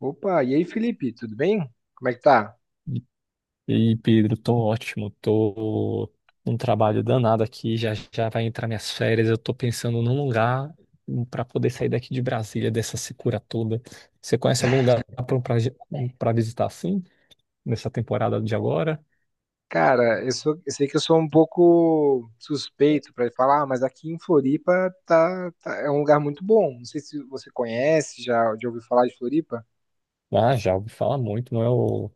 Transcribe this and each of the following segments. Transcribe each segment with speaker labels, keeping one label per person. Speaker 1: Opa, e aí, Felipe, tudo bem? Como é que tá?
Speaker 2: E aí, Pedro, tô ótimo, tô num trabalho danado aqui, já já vai entrar minhas férias, eu tô pensando num lugar para poder sair daqui de Brasília, dessa secura toda. Você conhece algum lugar para visitar assim, nessa temporada de agora?
Speaker 1: Cara, eu sei que eu sou um pouco suspeito para falar, mas aqui em Floripa é um lugar muito bom. Não sei se você conhece, já, já ouviu falar de Floripa?
Speaker 2: Ah, já ouvi falar muito, não é o...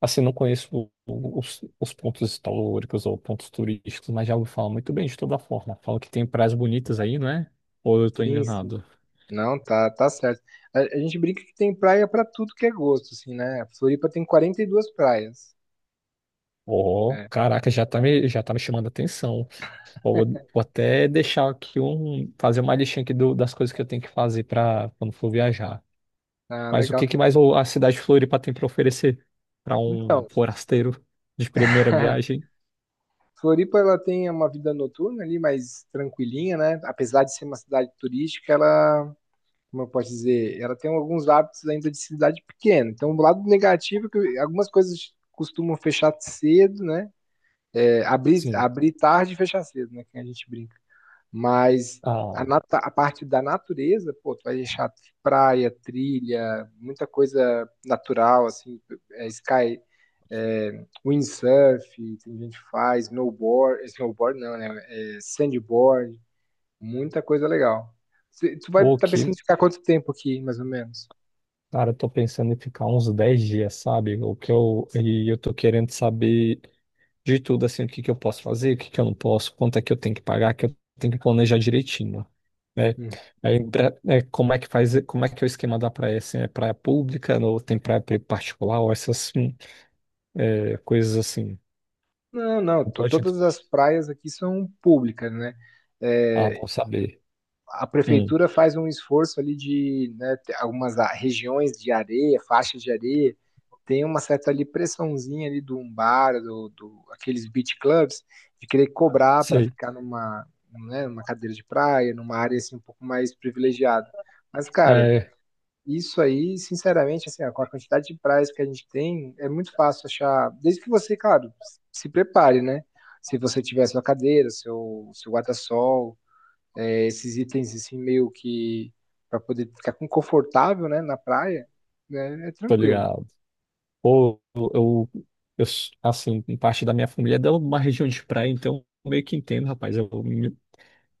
Speaker 2: Assim, não conheço os pontos históricos ou pontos turísticos, mas já ouvi falar muito bem de toda forma. Falam que tem praias bonitas aí, não é? Ou eu tô
Speaker 1: Sim,
Speaker 2: enganado?
Speaker 1: sim. Não, tá, tá certo. A gente brinca que tem praia para tudo que é gosto, assim, né? Floripa tem 42 praias.
Speaker 2: Oh,
Speaker 1: É.
Speaker 2: caraca, já tá me chamando a atenção. Pô, vou até deixar aqui um, fazer uma listinha aqui das coisas que eu tenho que fazer para quando for viajar.
Speaker 1: Ah,
Speaker 2: Mas o
Speaker 1: legal.
Speaker 2: que que mais a cidade de Floripa tem para oferecer para um
Speaker 1: Então,
Speaker 2: forasteiro de primeira viagem?
Speaker 1: Floripa ela tem uma vida noturna ali mais tranquilinha, né? Apesar de ser uma cidade turística, ela como eu posso dizer, ela tem alguns hábitos ainda de cidade pequena. Então, o lado negativo é que algumas coisas costumam fechar cedo, né? É, abrir,
Speaker 2: Sim.
Speaker 1: abrir tarde e fechar cedo, né? Que a gente brinca. Mas
Speaker 2: Ah,
Speaker 1: a parte da natureza, pô, tu vai deixar praia, trilha, muita coisa natural, assim, é, sky, é, windsurf, tem gente que faz snowboard, snowboard não, né? É, sandboard. Muita coisa legal. Tu vai
Speaker 2: o
Speaker 1: estar pensando
Speaker 2: que,
Speaker 1: em ficar quanto tempo aqui, mais ou menos?
Speaker 2: cara, eu tô pensando em ficar uns 10 dias, sabe? O que eu tô querendo saber de tudo, assim, o que que eu posso fazer, o que que eu não posso, quanto é que eu tenho que pagar, que eu tenho que planejar direitinho, né?
Speaker 1: Hum.
Speaker 2: Aí, é, como é que faz, como é que é o esquema da praia, assim, é praia pública, ou tem praia particular, ou essas, é, coisas assim,
Speaker 1: Não, não.
Speaker 2: não pode entrar.
Speaker 1: Todas as praias aqui são públicas, né?
Speaker 2: Ah,
Speaker 1: É,
Speaker 2: bom saber.
Speaker 1: a
Speaker 2: Hum,
Speaker 1: prefeitura faz um esforço ali de, né, ter algumas regiões de areia, faixas de areia, tem uma certa ali pressãozinha ali do um bar, do aqueles beach clubs, de querer cobrar para
Speaker 2: sei.
Speaker 1: ficar numa, né, numa cadeira de praia, numa área assim um pouco mais privilegiada. Mas, cara,
Speaker 2: É,
Speaker 1: isso aí, sinceramente, assim, ó, com a quantidade de praias que a gente tem, é muito fácil achar, desde que você, claro, se prepare, né? Se você tiver sua cadeira, seu guarda-sol, é, esses itens assim meio que para poder ficar confortável, né, na praia, né, é
Speaker 2: tô
Speaker 1: tranquilo.
Speaker 2: ligado. Ou eu, assim, parte da minha família é de uma região de praia, então eu meio que entendo, rapaz, eu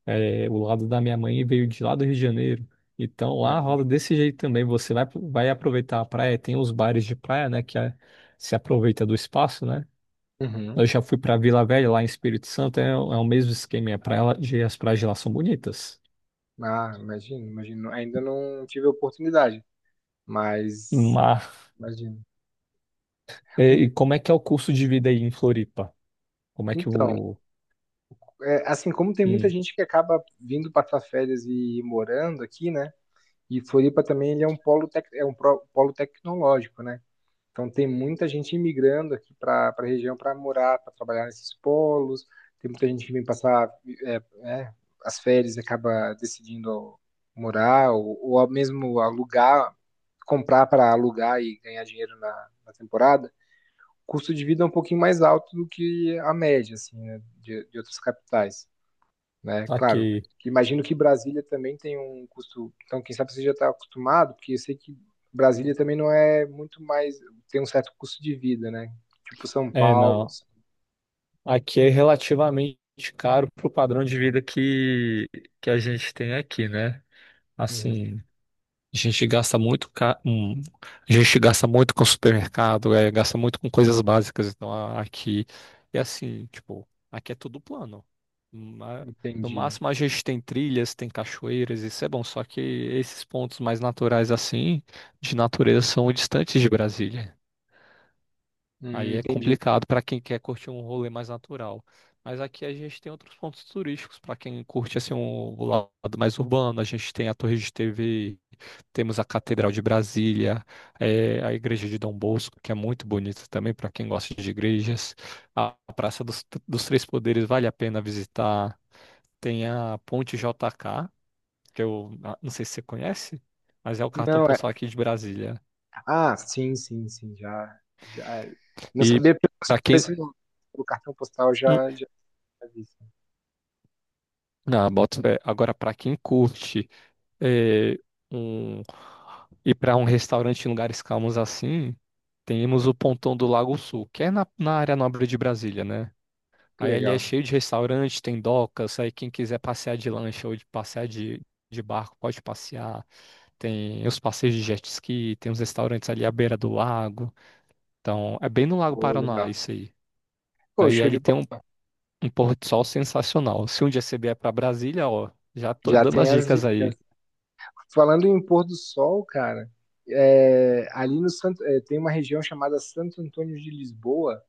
Speaker 2: É, o lado da minha mãe veio de lá do Rio de Janeiro. Então lá
Speaker 1: Legal.
Speaker 2: rola desse jeito também. Você vai, vai aproveitar a praia, tem os bares de praia, né? Se aproveita do espaço, né? Eu
Speaker 1: Uhum.
Speaker 2: já fui para Vila Velha, lá em Espírito Santo, é, é o mesmo esquema. E as praias de lá são bonitas.
Speaker 1: Ah, imagino, imagino. Ainda não tive a oportunidade, mas
Speaker 2: Mas,
Speaker 1: imagino.
Speaker 2: é, e como é que é o custo de vida aí em Floripa? Como é que
Speaker 1: Então,
Speaker 2: o.
Speaker 1: é, assim como tem muita
Speaker 2: Hum,
Speaker 1: gente que acaba vindo passar férias e morando aqui, né? E Floripa também ele é um polo, tec, é um polo tecnológico, né? Então tem muita gente imigrando aqui para a região para morar, para trabalhar nesses polos. Tem muita gente que vem passar é, é, as férias e acaba decidindo morar ou ao mesmo alugar, comprar para alugar e ganhar dinheiro na, na temporada. O custo de vida é um pouquinho mais alto do que a média, assim, né, de outras capitais, né? Claro,
Speaker 2: aqui.
Speaker 1: imagino que Brasília também tem um custo, então quem sabe você já está acostumado, porque eu sei que Brasília também não é muito mais, tem um certo custo de vida, né? Tipo São
Speaker 2: É,
Speaker 1: Paulo,
Speaker 2: não.
Speaker 1: assim.
Speaker 2: Aqui é relativamente caro pro padrão de vida que a gente tem aqui, né?
Speaker 1: Uhum.
Speaker 2: Assim. A gente gasta muito, ca- hum, a gente gasta muito com supermercado, é, gasta muito com coisas básicas. Então aqui é assim, tipo, aqui é tudo plano. Ma- No
Speaker 1: Entendi.
Speaker 2: máximo a gente tem trilhas, tem cachoeiras, isso é bom. Só que esses pontos mais naturais assim, de natureza, são distantes de Brasília. Aí é
Speaker 1: Entendi.
Speaker 2: complicado para quem quer curtir um rolê mais natural. Mas aqui a gente tem outros pontos turísticos para quem curte assim um o lado mais urbano. A gente tem a Torre de TV, temos a Catedral de Brasília, a Igreja de Dom Bosco, que é muito bonita também para quem gosta de igrejas. A Praça dos Três Poderes vale a pena visitar. Tem a Ponte JK, que eu não sei se você conhece, mas é o cartão
Speaker 1: Não, é,
Speaker 2: postal aqui de Brasília.
Speaker 1: ah, sim, sim, sim, já, já, é. Não
Speaker 2: E
Speaker 1: sabia pelo,
Speaker 2: para
Speaker 1: por
Speaker 2: quem
Speaker 1: esse- pelo cartão postal, já, já, tinha visto.
Speaker 2: Na boto fé. Agora, para quem curte é, um, ir para um restaurante em lugares calmos assim, temos o Pontão do Lago Sul, que é na área nobre de Brasília, né?
Speaker 1: Que
Speaker 2: Aí ele é cheio de restaurante, tem docas, aí quem quiser passear de lancha ou de barco pode passear. Tem os passeios de jet ski, tem os restaurantes ali à beira do lago. Então, é bem no Lago Paranoá
Speaker 1: legal,
Speaker 2: isso aí.
Speaker 1: pô,
Speaker 2: Daí
Speaker 1: show de
Speaker 2: ele tem
Speaker 1: bola,
Speaker 2: um pôr de sol sensacional. Se um dia você vier pra Brasília, ó, já tô
Speaker 1: já
Speaker 2: dando
Speaker 1: tem
Speaker 2: as
Speaker 1: as
Speaker 2: dicas aí.
Speaker 1: dicas. Falando em pôr do sol, cara, é, ali no Santo, é, tem uma região chamada Santo Antônio de Lisboa,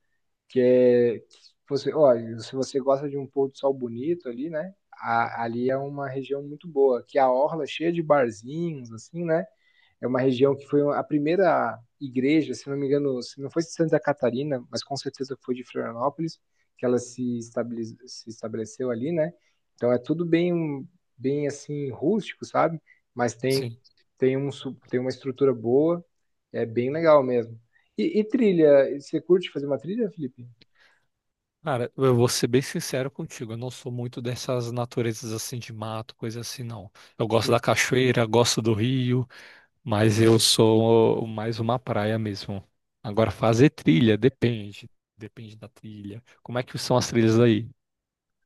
Speaker 1: que é que você, olha, se você gosta de um pôr do sol bonito ali, né? Ali é uma região muito boa, que a orla é cheia de barzinhos, assim, né? É uma região que foi a primeira igreja, se não me engano, se não foi de Santa Catarina, mas com certeza foi de Florianópolis, que ela se, se estabeleceu ali, né? Então é tudo bem, bem assim, rústico, sabe? Mas tem,
Speaker 2: Sim.
Speaker 1: tem, um, tem uma estrutura boa, é bem legal mesmo. E trilha, você curte fazer uma trilha, Felipe?
Speaker 2: Cara, eu vou ser bem sincero contigo, eu não sou muito dessas naturezas assim de mato, coisa assim, não. Eu gosto
Speaker 1: Hum.
Speaker 2: da cachoeira, gosto do rio, mas eu sou mais uma praia mesmo. Agora, fazer trilha, depende. Depende da trilha. Como é que são as trilhas aí,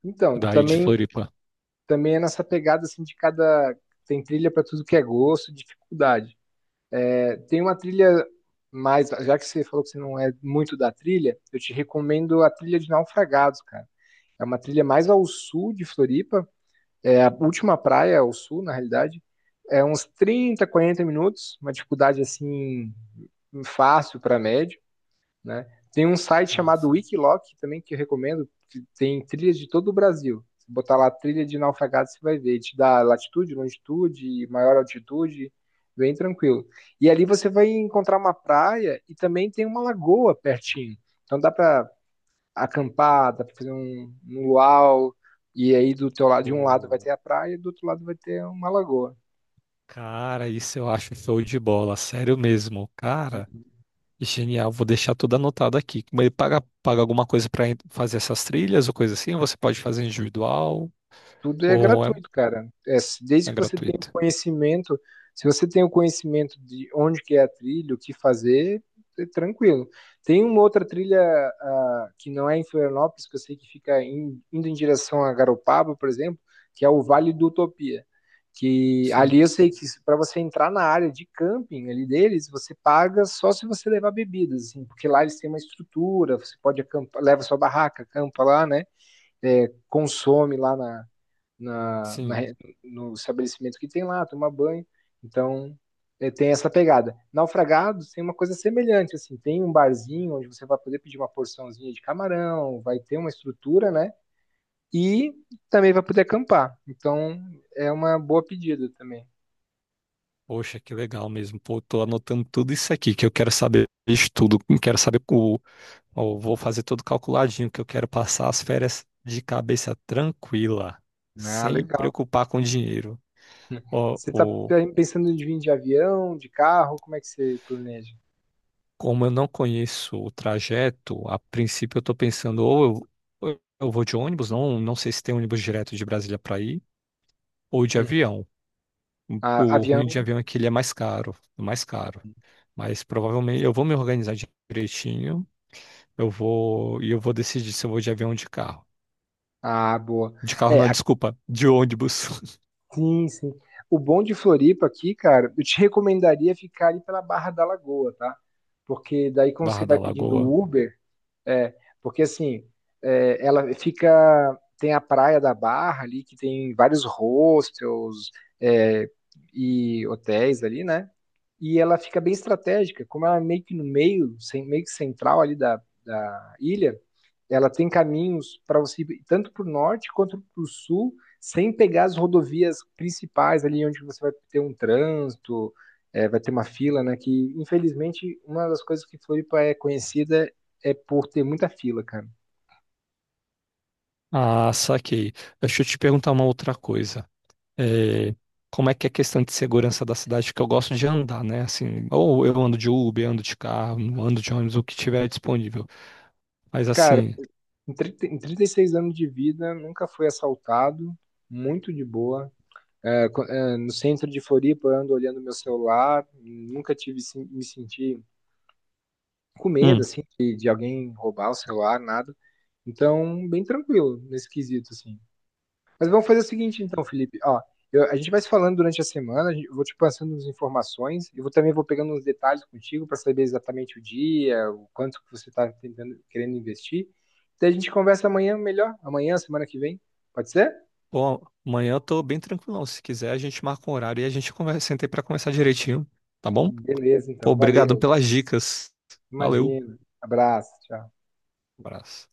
Speaker 1: Então,
Speaker 2: daí de
Speaker 1: também,
Speaker 2: Floripa?
Speaker 1: também é nessa pegada assim de cada. Tem trilha para tudo que é gosto, dificuldade. É, tem uma trilha mais, já que você falou que você não é muito da trilha, eu te recomendo a trilha de Naufragados, cara. É uma trilha mais ao sul de Floripa, é a última praia ao sul, na realidade. É uns 30, 40 minutos, uma dificuldade assim fácil para médio. Né? Tem um site
Speaker 2: Ah,
Speaker 1: chamado
Speaker 2: sim.
Speaker 1: Wikiloc também que eu recomendo, que tem trilhas de todo o Brasil. Se botar lá trilha de naufragado, você vai ver. Te dá latitude, longitude, maior altitude, bem tranquilo. E ali você vai encontrar uma praia e também tem uma lagoa pertinho. Então dá para acampar, dá para fazer um, um luau, e aí do teu lado, de um lado vai
Speaker 2: Ô,
Speaker 1: ter a praia, do outro lado vai ter uma lagoa.
Speaker 2: cara, isso eu acho show de bola, sério mesmo. Cara, Genial, vou deixar tudo anotado aqui. Mas ele paga alguma coisa para fazer essas trilhas ou coisa assim? Ou você pode fazer individual
Speaker 1: Tudo é
Speaker 2: ou
Speaker 1: gratuito, cara. É, desde
Speaker 2: é
Speaker 1: que você tenha o
Speaker 2: gratuito?
Speaker 1: conhecimento, se você tem o conhecimento de onde que é a trilha, o que fazer, é tranquilo. Tem uma outra trilha, ah, que não é em Florianópolis, que eu sei que fica indo em direção a Garopaba, por exemplo, que é o Vale do Utopia. Que
Speaker 2: Sim,
Speaker 1: ali eu sei que para você entrar na área de camping ali deles, você paga só se você levar bebidas, assim, porque lá eles têm uma estrutura, você pode acampar, leva sua barraca, acampa lá, né? É, consome lá na na, na
Speaker 2: sim.
Speaker 1: no estabelecimento que tem lá, tomar banho. Então, é, tem essa pegada. Naufragados tem uma coisa semelhante, assim, tem um barzinho onde você vai poder pedir uma porçãozinha de camarão, vai ter uma estrutura, né? E também vai poder acampar. Então, é uma boa pedida também.
Speaker 2: Poxa, que legal mesmo. Pô, tô anotando tudo isso aqui que eu quero saber de tudo. Eu Quero saber ó, vou fazer tudo calculadinho que eu quero passar as férias de cabeça tranquila,
Speaker 1: Ah,
Speaker 2: sem
Speaker 1: legal.
Speaker 2: preocupar com dinheiro. Ó,
Speaker 1: Você está pensando de vir de avião, de carro? Como é que você planeja?
Speaker 2: Como eu não conheço o trajeto, a princípio eu estou pensando ou eu vou de ônibus, não sei se tem ônibus direto de Brasília para ir, ou de
Speaker 1: Hum.
Speaker 2: avião.
Speaker 1: Ah,
Speaker 2: O
Speaker 1: avião?
Speaker 2: ruim de avião é que ele é mais caro, mais caro. Mas provavelmente eu vou me organizar direitinho, eu vou decidir se eu vou de avião ou de carro.
Speaker 1: Ah, boa.
Speaker 2: De carro
Speaker 1: É,
Speaker 2: não, desculpa, de ônibus.
Speaker 1: sim, sim. O bom de Floripa aqui, cara, eu te recomendaria ficar ali pela Barra da Lagoa, tá? Porque daí quando você
Speaker 2: Barra da
Speaker 1: vai pedindo
Speaker 2: Lagoa.
Speaker 1: Uber, é, porque assim, é, ela fica, tem a praia da Barra ali, que tem vários hostels, é, e hotéis ali, né? E ela fica bem estratégica, como ela é meio que no meio, meio que central ali da, da ilha, ela tem caminhos para você ir tanto para o norte quanto para o sul, sem pegar as rodovias principais ali onde você vai ter um trânsito, é, vai ter uma fila, né? Que infelizmente uma das coisas que Floripa é conhecida é por ter muita fila, cara.
Speaker 2: Ah, saquei. Deixa eu te perguntar uma outra coisa. É, como é que é a questão de segurança da cidade, que eu gosto de andar, né? Assim, ou eu ando de Uber, ando de carro, ando de ônibus, o que tiver disponível. Mas
Speaker 1: Cara,
Speaker 2: assim,
Speaker 1: em 30 em 36 anos de vida, nunca fui assaltado, muito de boa. É, é, no centro de Floripa, eu ando olhando meu celular, nunca tive me senti com medo,
Speaker 2: hum,
Speaker 1: assim, de alguém roubar o celular, nada. Então, bem tranquilo nesse quesito, assim. Mas vamos fazer o seguinte, então, Felipe. Ó, a gente vai se falando durante a semana, eu vou te passando as informações, e vou, também vou pegando uns detalhes contigo para saber exatamente o dia, o quanto que você está tentando, querendo investir. Daí a gente conversa amanhã melhor, amanhã, semana que vem. Pode ser?
Speaker 2: bom, amanhã eu tô bem tranquilão. Se quiser, a gente marca um horário e a gente conversa, senta aí pra conversar direitinho, tá bom?
Speaker 1: Beleza,
Speaker 2: Pô,
Speaker 1: então,
Speaker 2: obrigado
Speaker 1: valeu.
Speaker 2: pelas dicas. Valeu.
Speaker 1: Imagina. Abraço, tchau.
Speaker 2: Abraço.